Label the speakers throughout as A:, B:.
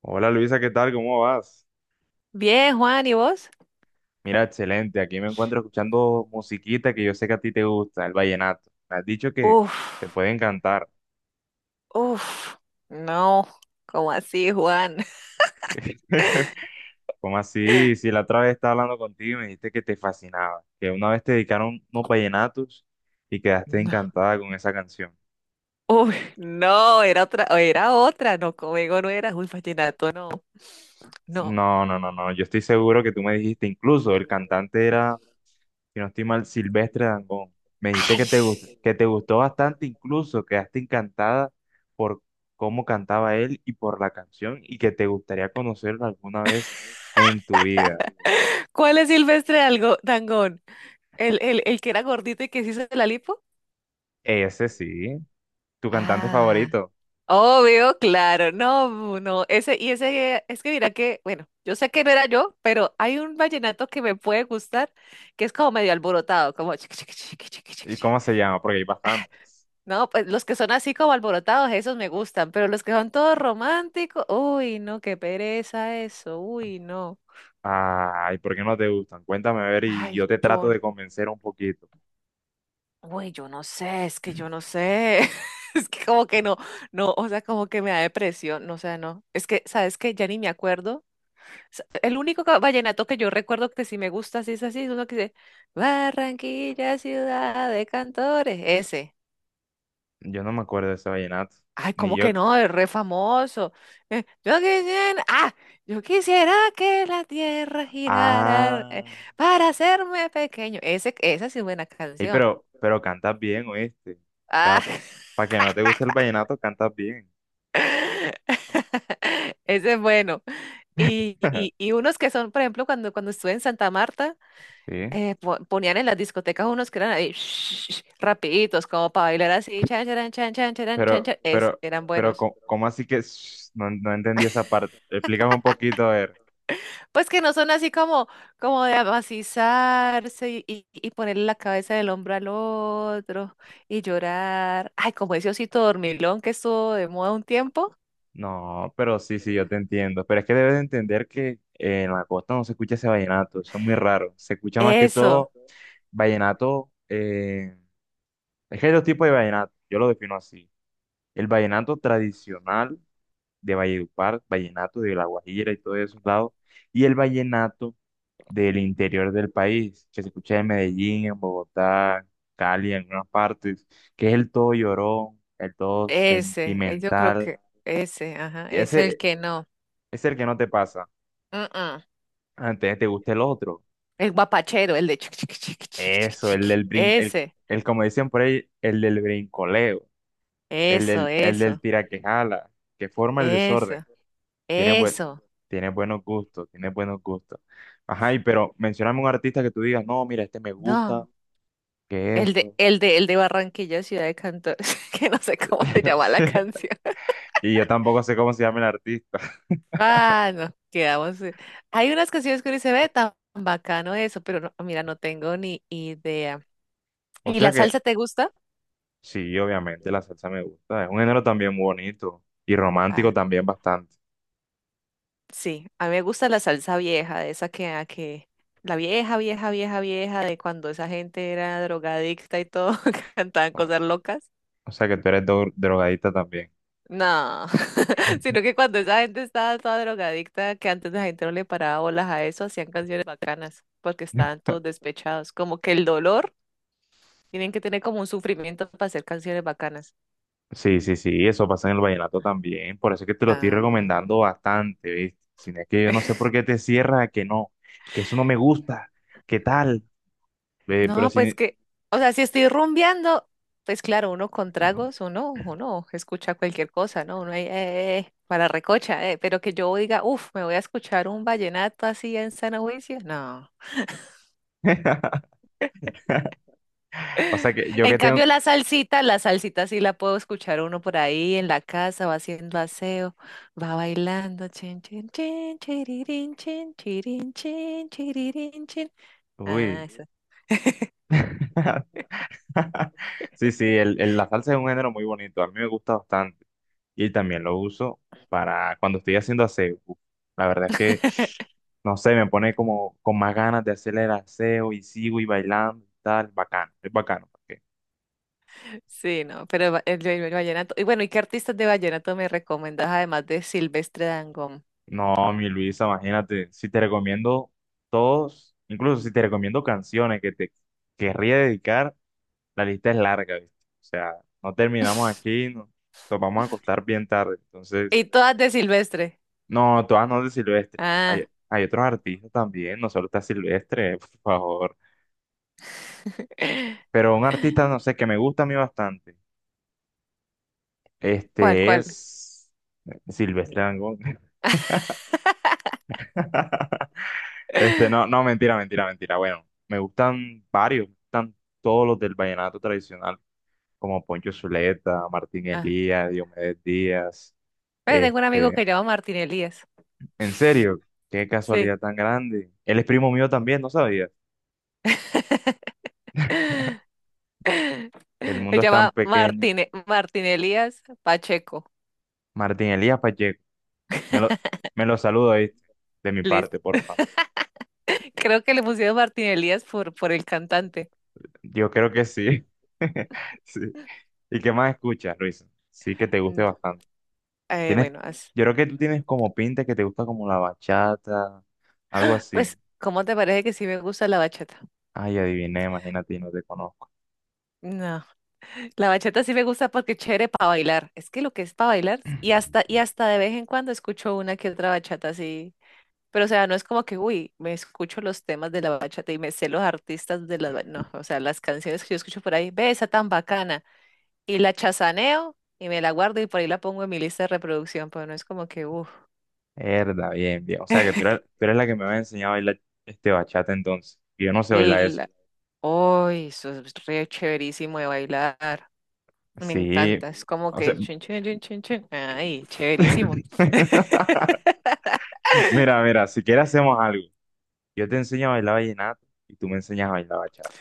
A: Hola Luisa, ¿qué tal? ¿Cómo vas?
B: Bien, Juan, ¿y vos?
A: Mira, excelente. Aquí me encuentro escuchando musiquita que yo sé que a ti te gusta, el vallenato. Me has dicho que
B: Uf,
A: te puede encantar.
B: uf, no, ¿cómo así, Juan?
A: ¿Cómo así? Si la otra vez estaba hablando contigo y me dijiste que te fascinaba, que una vez te dedicaron unos vallenatos y quedaste
B: No,
A: encantada con esa canción.
B: uy, no, era otra, no, conmigo no era, uy, vallenato, no, no.
A: No, no, no, no. Yo estoy seguro que tú me dijiste, incluso el cantante era, si no estoy mal, Silvestre Dangond. Me dijiste
B: Ay,
A: que te, que te gustó bastante, incluso quedaste encantada por cómo cantaba él y por la canción, y que te gustaría conocerlo alguna vez en tu vida.
B: ¿cuál es Silvestre algo, Dangond? ¿El que era gordito y que se hizo la lipo?
A: Ese sí, tu cantante
B: Ah,
A: favorito.
B: obvio, claro, no, no, ese, y ese, es que mira que, bueno, yo sé que no era yo, pero hay un vallenato que me puede gustar, que es como medio alborotado, como chiqui, chiqui, chiqui, chiqui, chiqui,
A: ¿Y
B: chiqui.
A: cómo se llama? Porque hay bastantes.
B: No, pues los que son así como alborotados, esos me gustan, pero los que son todos románticos, uy, no, qué pereza eso, uy, no.
A: Ay, ¿por qué no te gustan? Cuéntame a ver y yo
B: Ay,
A: te trato
B: yo,
A: de convencer un poquito.
B: uy, yo no sé, es que yo no sé. Es que como que no, no, o sea, como que me da depresión, no, o sea, no. Es que, ¿sabes qué? Ya ni me acuerdo. El único vallenato que yo recuerdo que sí me gusta, sí es así, es uno que dice, Barranquilla, ciudad de cantores, ese.
A: Yo no me acuerdo de ese vallenato,
B: Ay,
A: ni
B: ¿cómo que
A: yo.
B: no? Es re famoso. Yo quisiera, ah, yo quisiera que la tierra girara
A: Ah.
B: para hacerme pequeño. Ese, esa sí es buena
A: Ey,
B: canción.
A: pero cantas bien, ¿oíste? O
B: Ah,
A: sea, para que no te guste el vallenato, cantas bien.
B: ese es bueno. Y, y, y unos que son, por ejemplo, cuando estuve en Santa Marta,
A: Sí.
B: ponían en las discotecas unos que eran ahí, rapiditos, como para bailar así, chan, charan, chan, chan, charan, chan,
A: Pero,
B: chan.
A: pero,
B: Eran
A: pero,
B: buenos.
A: ¿cómo, así que no, no entendí esa parte? Explícame un poquito, a ver.
B: Pues que no son así como, como de amacizarse y ponerle la cabeza del hombro al otro y llorar. Ay, como ese osito dormilón que estuvo de moda un tiempo.
A: No, pero sí, sí, yo te entiendo. Pero es que debes de entender que en la costa no se escucha ese vallenato, eso es muy raro. Se escucha más que
B: Eso,
A: todo vallenato. Es que hay dos tipos de vallenato, yo lo defino así. El vallenato tradicional de Valledupar, vallenato de La Guajira y todos esos lados, y el vallenato del interior del país, que se escucha en Medellín, en Bogotá, Cali, en algunas partes, que es el todo llorón, el todo
B: ese, yo creo
A: sentimental.
B: que ese, ajá,
A: Y
B: es el
A: ese
B: que no.
A: es el que no te pasa,
B: Mm, mm.
A: antes te gusta el otro.
B: El guapachero, el de chiqui, chiqui, chiqui, chiqui,
A: Eso,
B: chiqui, chiqui. Ese,
A: el como dicen por ahí, el del brincoleo,
B: eso,
A: el del
B: eso,
A: tiraquejala, que forma el
B: eso,
A: desorden. Tienes buen,
B: eso.
A: Tienes buenos gustos, tienes buenos gustos. Ajá, y pero mencióname un artista que tú digas, no, mira, este me gusta,
B: No,
A: que esto.
B: el de Barranquilla, Ciudad de Cantores, que no sé cómo se llama la canción.
A: Y yo tampoco sé cómo se llama el artista.
B: Ah, no, quedamos. Hay unas canciones que uno dice, ve, tan bacano eso, pero no, mira, no tengo ni idea.
A: O
B: ¿Y
A: sea
B: la
A: que,
B: salsa te gusta?
A: sí, obviamente la salsa me gusta. Es un género también muy bonito y romántico
B: Ah,
A: también bastante.
B: sí, a mí me gusta la salsa vieja, de esa que, a que, la vieja, vieja, vieja, vieja, de cuando esa gente era drogadicta y todo, cantaban cosas
A: O
B: locas.
A: o sea que tú eres drogadita también.
B: No, sino que cuando esa gente estaba toda drogadicta, que antes la gente no le paraba bolas a eso, hacían canciones bacanas, porque estaban todos despechados, como que el dolor. Tienen que tener como un sufrimiento para hacer canciones bacanas.
A: Sí, sí, sí, eso pasa en el vallenato también. Por eso es que te lo estoy
B: Ah.
A: recomendando bastante, ¿viste? Si no es que yo no sé por qué te cierras a que no, que eso no me gusta, ¿qué tal? Ve, pero
B: No, pues
A: si...
B: que, o sea, si estoy rumbeando, pues claro, uno con tragos, uno escucha cualquier cosa, ¿no? Uno ahí, para recocha, pero que yo diga, uff, me voy a escuchar un vallenato así en San Juicio, no.
A: O sea que yo
B: En
A: que tengo...
B: cambio, la salsita sí la puedo escuchar uno por ahí en la casa, va haciendo aseo, va bailando, chin, chin, chin, chiririn, chin, chirin, chin, chiririn, chin. Ah,
A: Uy. Sí, sí, la salsa es un género muy bonito. A mí me gusta bastante. Y también lo uso para cuando estoy haciendo aseo. Uf, la verdad es que, no sé, me pone como con más ganas de hacer el aseo y sigo y bailando y tal. Bacano, es bacano. Porque-
B: sí, no, el vallenato. Y bueno, ¿y qué artistas de vallenato me recomendas además de Silvestre Dangond?
A: No, mi Luisa, imagínate, si te recomiendo todos, incluso si te recomiendo canciones que te querría dedicar. La lista es larga, ¿viste? O sea, no terminamos aquí, nos vamos a acostar bien tarde. Entonces,
B: Y todas de Silvestre.
A: no, todas no de Silvestre. Hay,
B: Ah.
A: Hay otros artistas también, no solo está Silvestre, por favor. Pero un artista, no sé, que me gusta a mí bastante.
B: ¿Cuál,
A: Este
B: cuál?
A: es Silvestre Dangond. Este, no, no, mentira, mentira, mentira. Bueno, me gustan varios, me gustan todos los del vallenato tradicional, como Poncho Zuleta, Martín
B: Ah.
A: Elías, Diomedes Díaz.
B: Pues tengo un amigo
A: Este,
B: que llama Martín Elías.
A: en serio, qué
B: Sí.
A: casualidad tan grande. Él es primo mío también, no sabía. El
B: Se
A: mundo es tan
B: llama
A: pequeño.
B: Martín, Martín Elías Pacheco.
A: Martín Elías Pacheco. Me lo, Me lo saludo, ¿viste? De mi parte,
B: Listo.
A: porfa.
B: Creo que le pusieron Martín Elías por el cantante.
A: Yo creo que sí. Sí. ¿Y qué más escuchas, Luis? Sí que te guste
B: Mm,
A: bastante. Tienes,
B: bueno,
A: yo creo que tú tienes como pinta que te gusta como la bachata, algo así.
B: pues, ¿cómo te parece que sí me gusta la bachata?
A: Ay, adiviné, imagínate, y no te conozco.
B: No, la bachata sí me gusta porque es chévere para bailar. Es que lo que es para bailar, y hasta de vez en cuando escucho una que otra bachata así. Pero o sea, no es como que, uy, me escucho los temas de la bachata y me sé los artistas de la... No, o sea, las canciones que yo escucho por ahí, ve esa tan bacana. Y la chazaneo y me la guardo y por ahí la pongo en mi lista de reproducción, pero no es como que, uff,
A: Herda, bien, bien. O sea que tú eres la que me había enseñado a bailar este bachata entonces. Y yo no sé bailar
B: uy,
A: eso.
B: eso es re chéverísimo de bailar. Me
A: Sí,
B: encanta, es como
A: o sea,
B: que chun chun chun chun chun. Ay, chéverísimo.
A: mira, mira, si quieres hacemos algo. Yo te enseño a bailar vallenato y tú me enseñas a bailar bachata.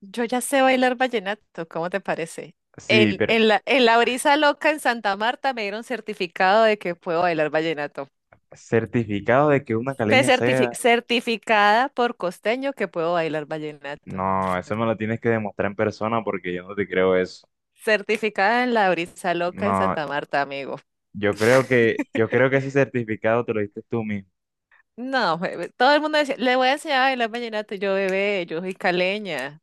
B: Yo ya sé bailar vallenato, ¿cómo te parece?
A: Sí, pero
B: En la brisa loca en Santa Marta me dieron certificado de que puedo bailar vallenato.
A: certificado de que una
B: Ve
A: caleña sea,
B: certificada por costeño que puedo bailar vallenato.
A: no, eso me lo tienes que demostrar en persona porque yo no te creo eso.
B: Certificada en la brisa loca en
A: No,
B: Santa Marta, amigo.
A: yo creo que ese certificado te lo diste tú mismo.
B: No, bebé, todo el mundo decía, le voy a enseñar a bailar vallenato, y yo bebé, yo soy caleña.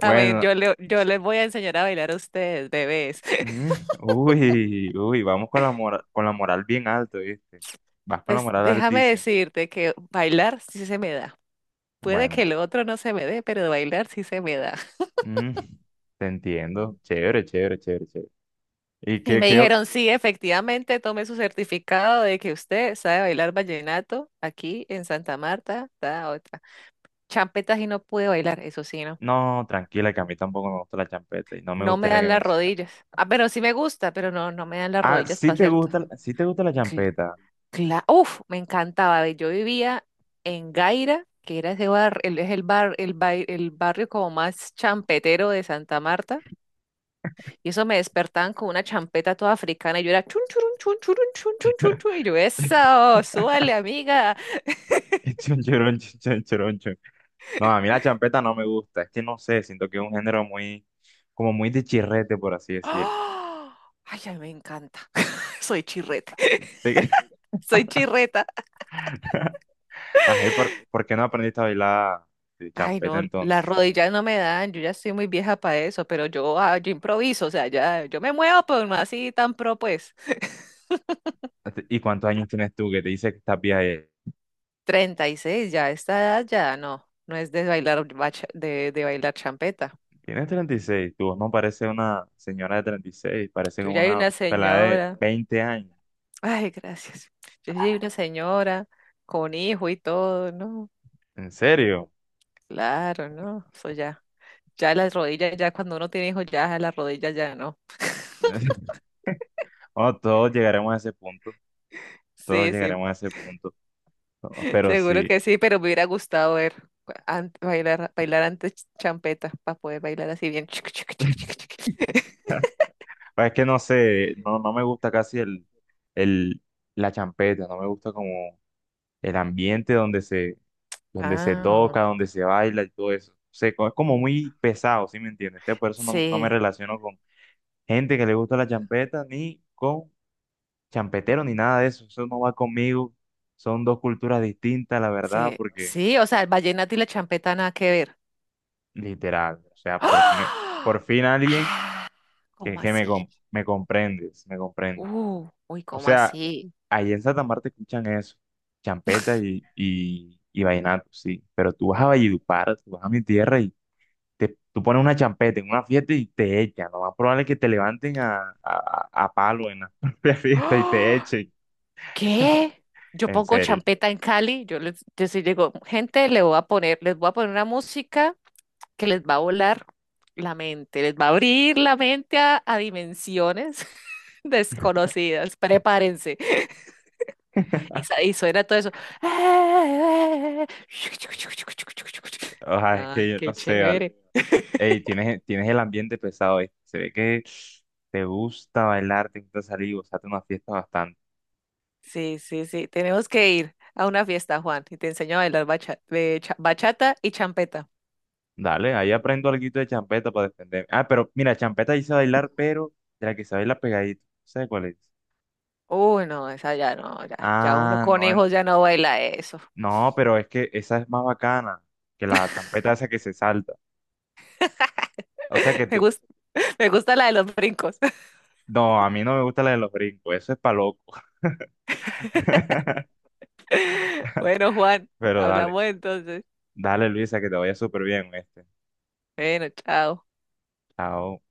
B: A mí,
A: o
B: yo les voy a enseñar a bailar a ustedes, bebés.
A: mm, uy, uy, vamos con la moral bien alto, ¿viste? Vas con la
B: Pues
A: moral
B: déjame
A: altísima.
B: decirte que bailar sí se me da. Puede que
A: Bueno.
B: el otro no se me dé, pero bailar sí se me da.
A: Mm, te entiendo. Chévere, chévere, chévere, chévere. ¿Y
B: Y
A: qué,
B: me dijeron, sí, efectivamente, tome su certificado de que usted sabe bailar vallenato aquí en Santa Marta, da otra. Champetas y no pude bailar, eso sí, no.
A: No, tranquila, que a mí tampoco me gusta la champeta y no me
B: No me
A: gustaría que
B: dan
A: me
B: las
A: enseñaran.
B: rodillas. Ah, pero sí me gusta, pero no, no me dan las
A: Ah,
B: rodillas para hacer todo.
A: sí te gusta la
B: Cla-
A: champeta.
B: Uf, me encantaba. Ve, yo vivía en Gaira, que era ese bar, es el bar, el barrio como más champetero de Santa Marta. Y eso me despertaban con una champeta toda africana y yo era chun churun chun churun chun chun chun chun y yo eso, súbale amiga.
A: Chon, chorón, chon, chon, chon. No, a mí la champeta no me gusta. Es que no sé, siento que es un género muy, como muy de chirrete, por así decirlo.
B: ¡Ah! Ay, a mí me encanta. Soy chirrete. Soy chirreta.
A: Ajá, ¿y por qué no aprendiste a bailar de
B: Ay,
A: champeta
B: no, las
A: entonces?
B: rodillas no me dan, yo ya estoy muy vieja para eso, pero yo, ah, yo improviso, o sea, ya, yo me muevo, pero no así tan pro, pues.
A: ¿Y cuántos años tienes tú que te dice que estás vieja?
B: 36 ya, esta edad ya no, no es de de bailar champeta.
A: Tienes 36, tu voz no parece una señora de 36, parece
B: Yo
A: como
B: ya hay
A: una
B: una
A: pelada de
B: señora.
A: 20 años.
B: Ay, gracias. Yo soy una señora con hijo y todo, ¿no?
A: ¿En serio?
B: Claro, ¿no? Eso ya. Ya las rodillas, ya cuando uno tiene hijos, ya las rodillas ya no.
A: Bueno, todos llegaremos a ese punto, todos
B: Sí, sí,
A: llegaremos a ese punto, ¿no? pero
B: seguro
A: sí.
B: que sí, pero me hubiera gustado ver bailar antes champeta para poder bailar así bien. Chiqui, chiqui, chiqui, chiqui, chiqui.
A: Pues es que no sé, no, no me gusta casi el, la champeta, no me gusta como el ambiente donde se
B: Ah,
A: toca, donde se baila y todo eso. O es como muy pesado, ¿sí me entiendes? Entonces, por eso no, no me
B: sí,
A: relaciono con gente que le gusta la champeta ni con champetero ni nada de eso, eso no va conmigo, son dos culturas distintas, la verdad,
B: sí,
A: porque
B: sí, o sea, el vallenato y la champeta nada que ver.
A: literal, o sea,
B: ¡Ah!
A: por fin alguien
B: Ah,
A: que,
B: ¿cómo así?
A: me comprendes, me comprende.
B: Uy,
A: O
B: ¿cómo
A: sea,
B: así?
A: ahí en Santa Marta escuchan eso, champeta y, y vallenato, sí, pero tú vas a Valledupar, tú vas a mi tierra y te, tú pones una champeta en una fiesta y te echan, lo más probable es que te levanten a, a palo en la propia fiesta y te echen,
B: ¿Qué? Yo
A: en
B: pongo
A: serio.
B: champeta en Cali, yo les, yo sí digo, gente, le voy a poner, les voy a poner una música que les va a volar la mente, les va a abrir la mente a dimensiones desconocidas, prepárense. Y suena todo eso.
A: Ay, es
B: Ay,
A: que yo
B: qué
A: no sé, vale.
B: chévere.
A: Ey, tienes, tienes el ambiente pesado ahí. Se ve que te gusta bailar, te gusta salir, gozarte una fiesta bastante.
B: Sí, sí, sí, tenemos que ir a una fiesta, Juan, y te enseño a bailar bachata y champeta.
A: Dale, ahí aprendo algo de champeta para defenderme. Ah, pero mira, champeta hice bailar, pero de la que se baila pegadito. ¿Sabes cuál es?
B: Uy, no, esa ya no, ya, ya uno
A: Ah,
B: con
A: no, ent-
B: hijos ya no baila eso.
A: no, pero es que esa es más bacana que la champeta esa que se salta. O sea que
B: Me
A: tú,
B: gusta, me gusta la de los brincos.
A: no, a mí no me gusta la de los brincos, eso es pa' loco.
B: Bueno, Juan,
A: Pero dale,
B: hablamos entonces.
A: dale Luisa, que te vaya súper bien, este.
B: Bueno, chao.
A: Chao.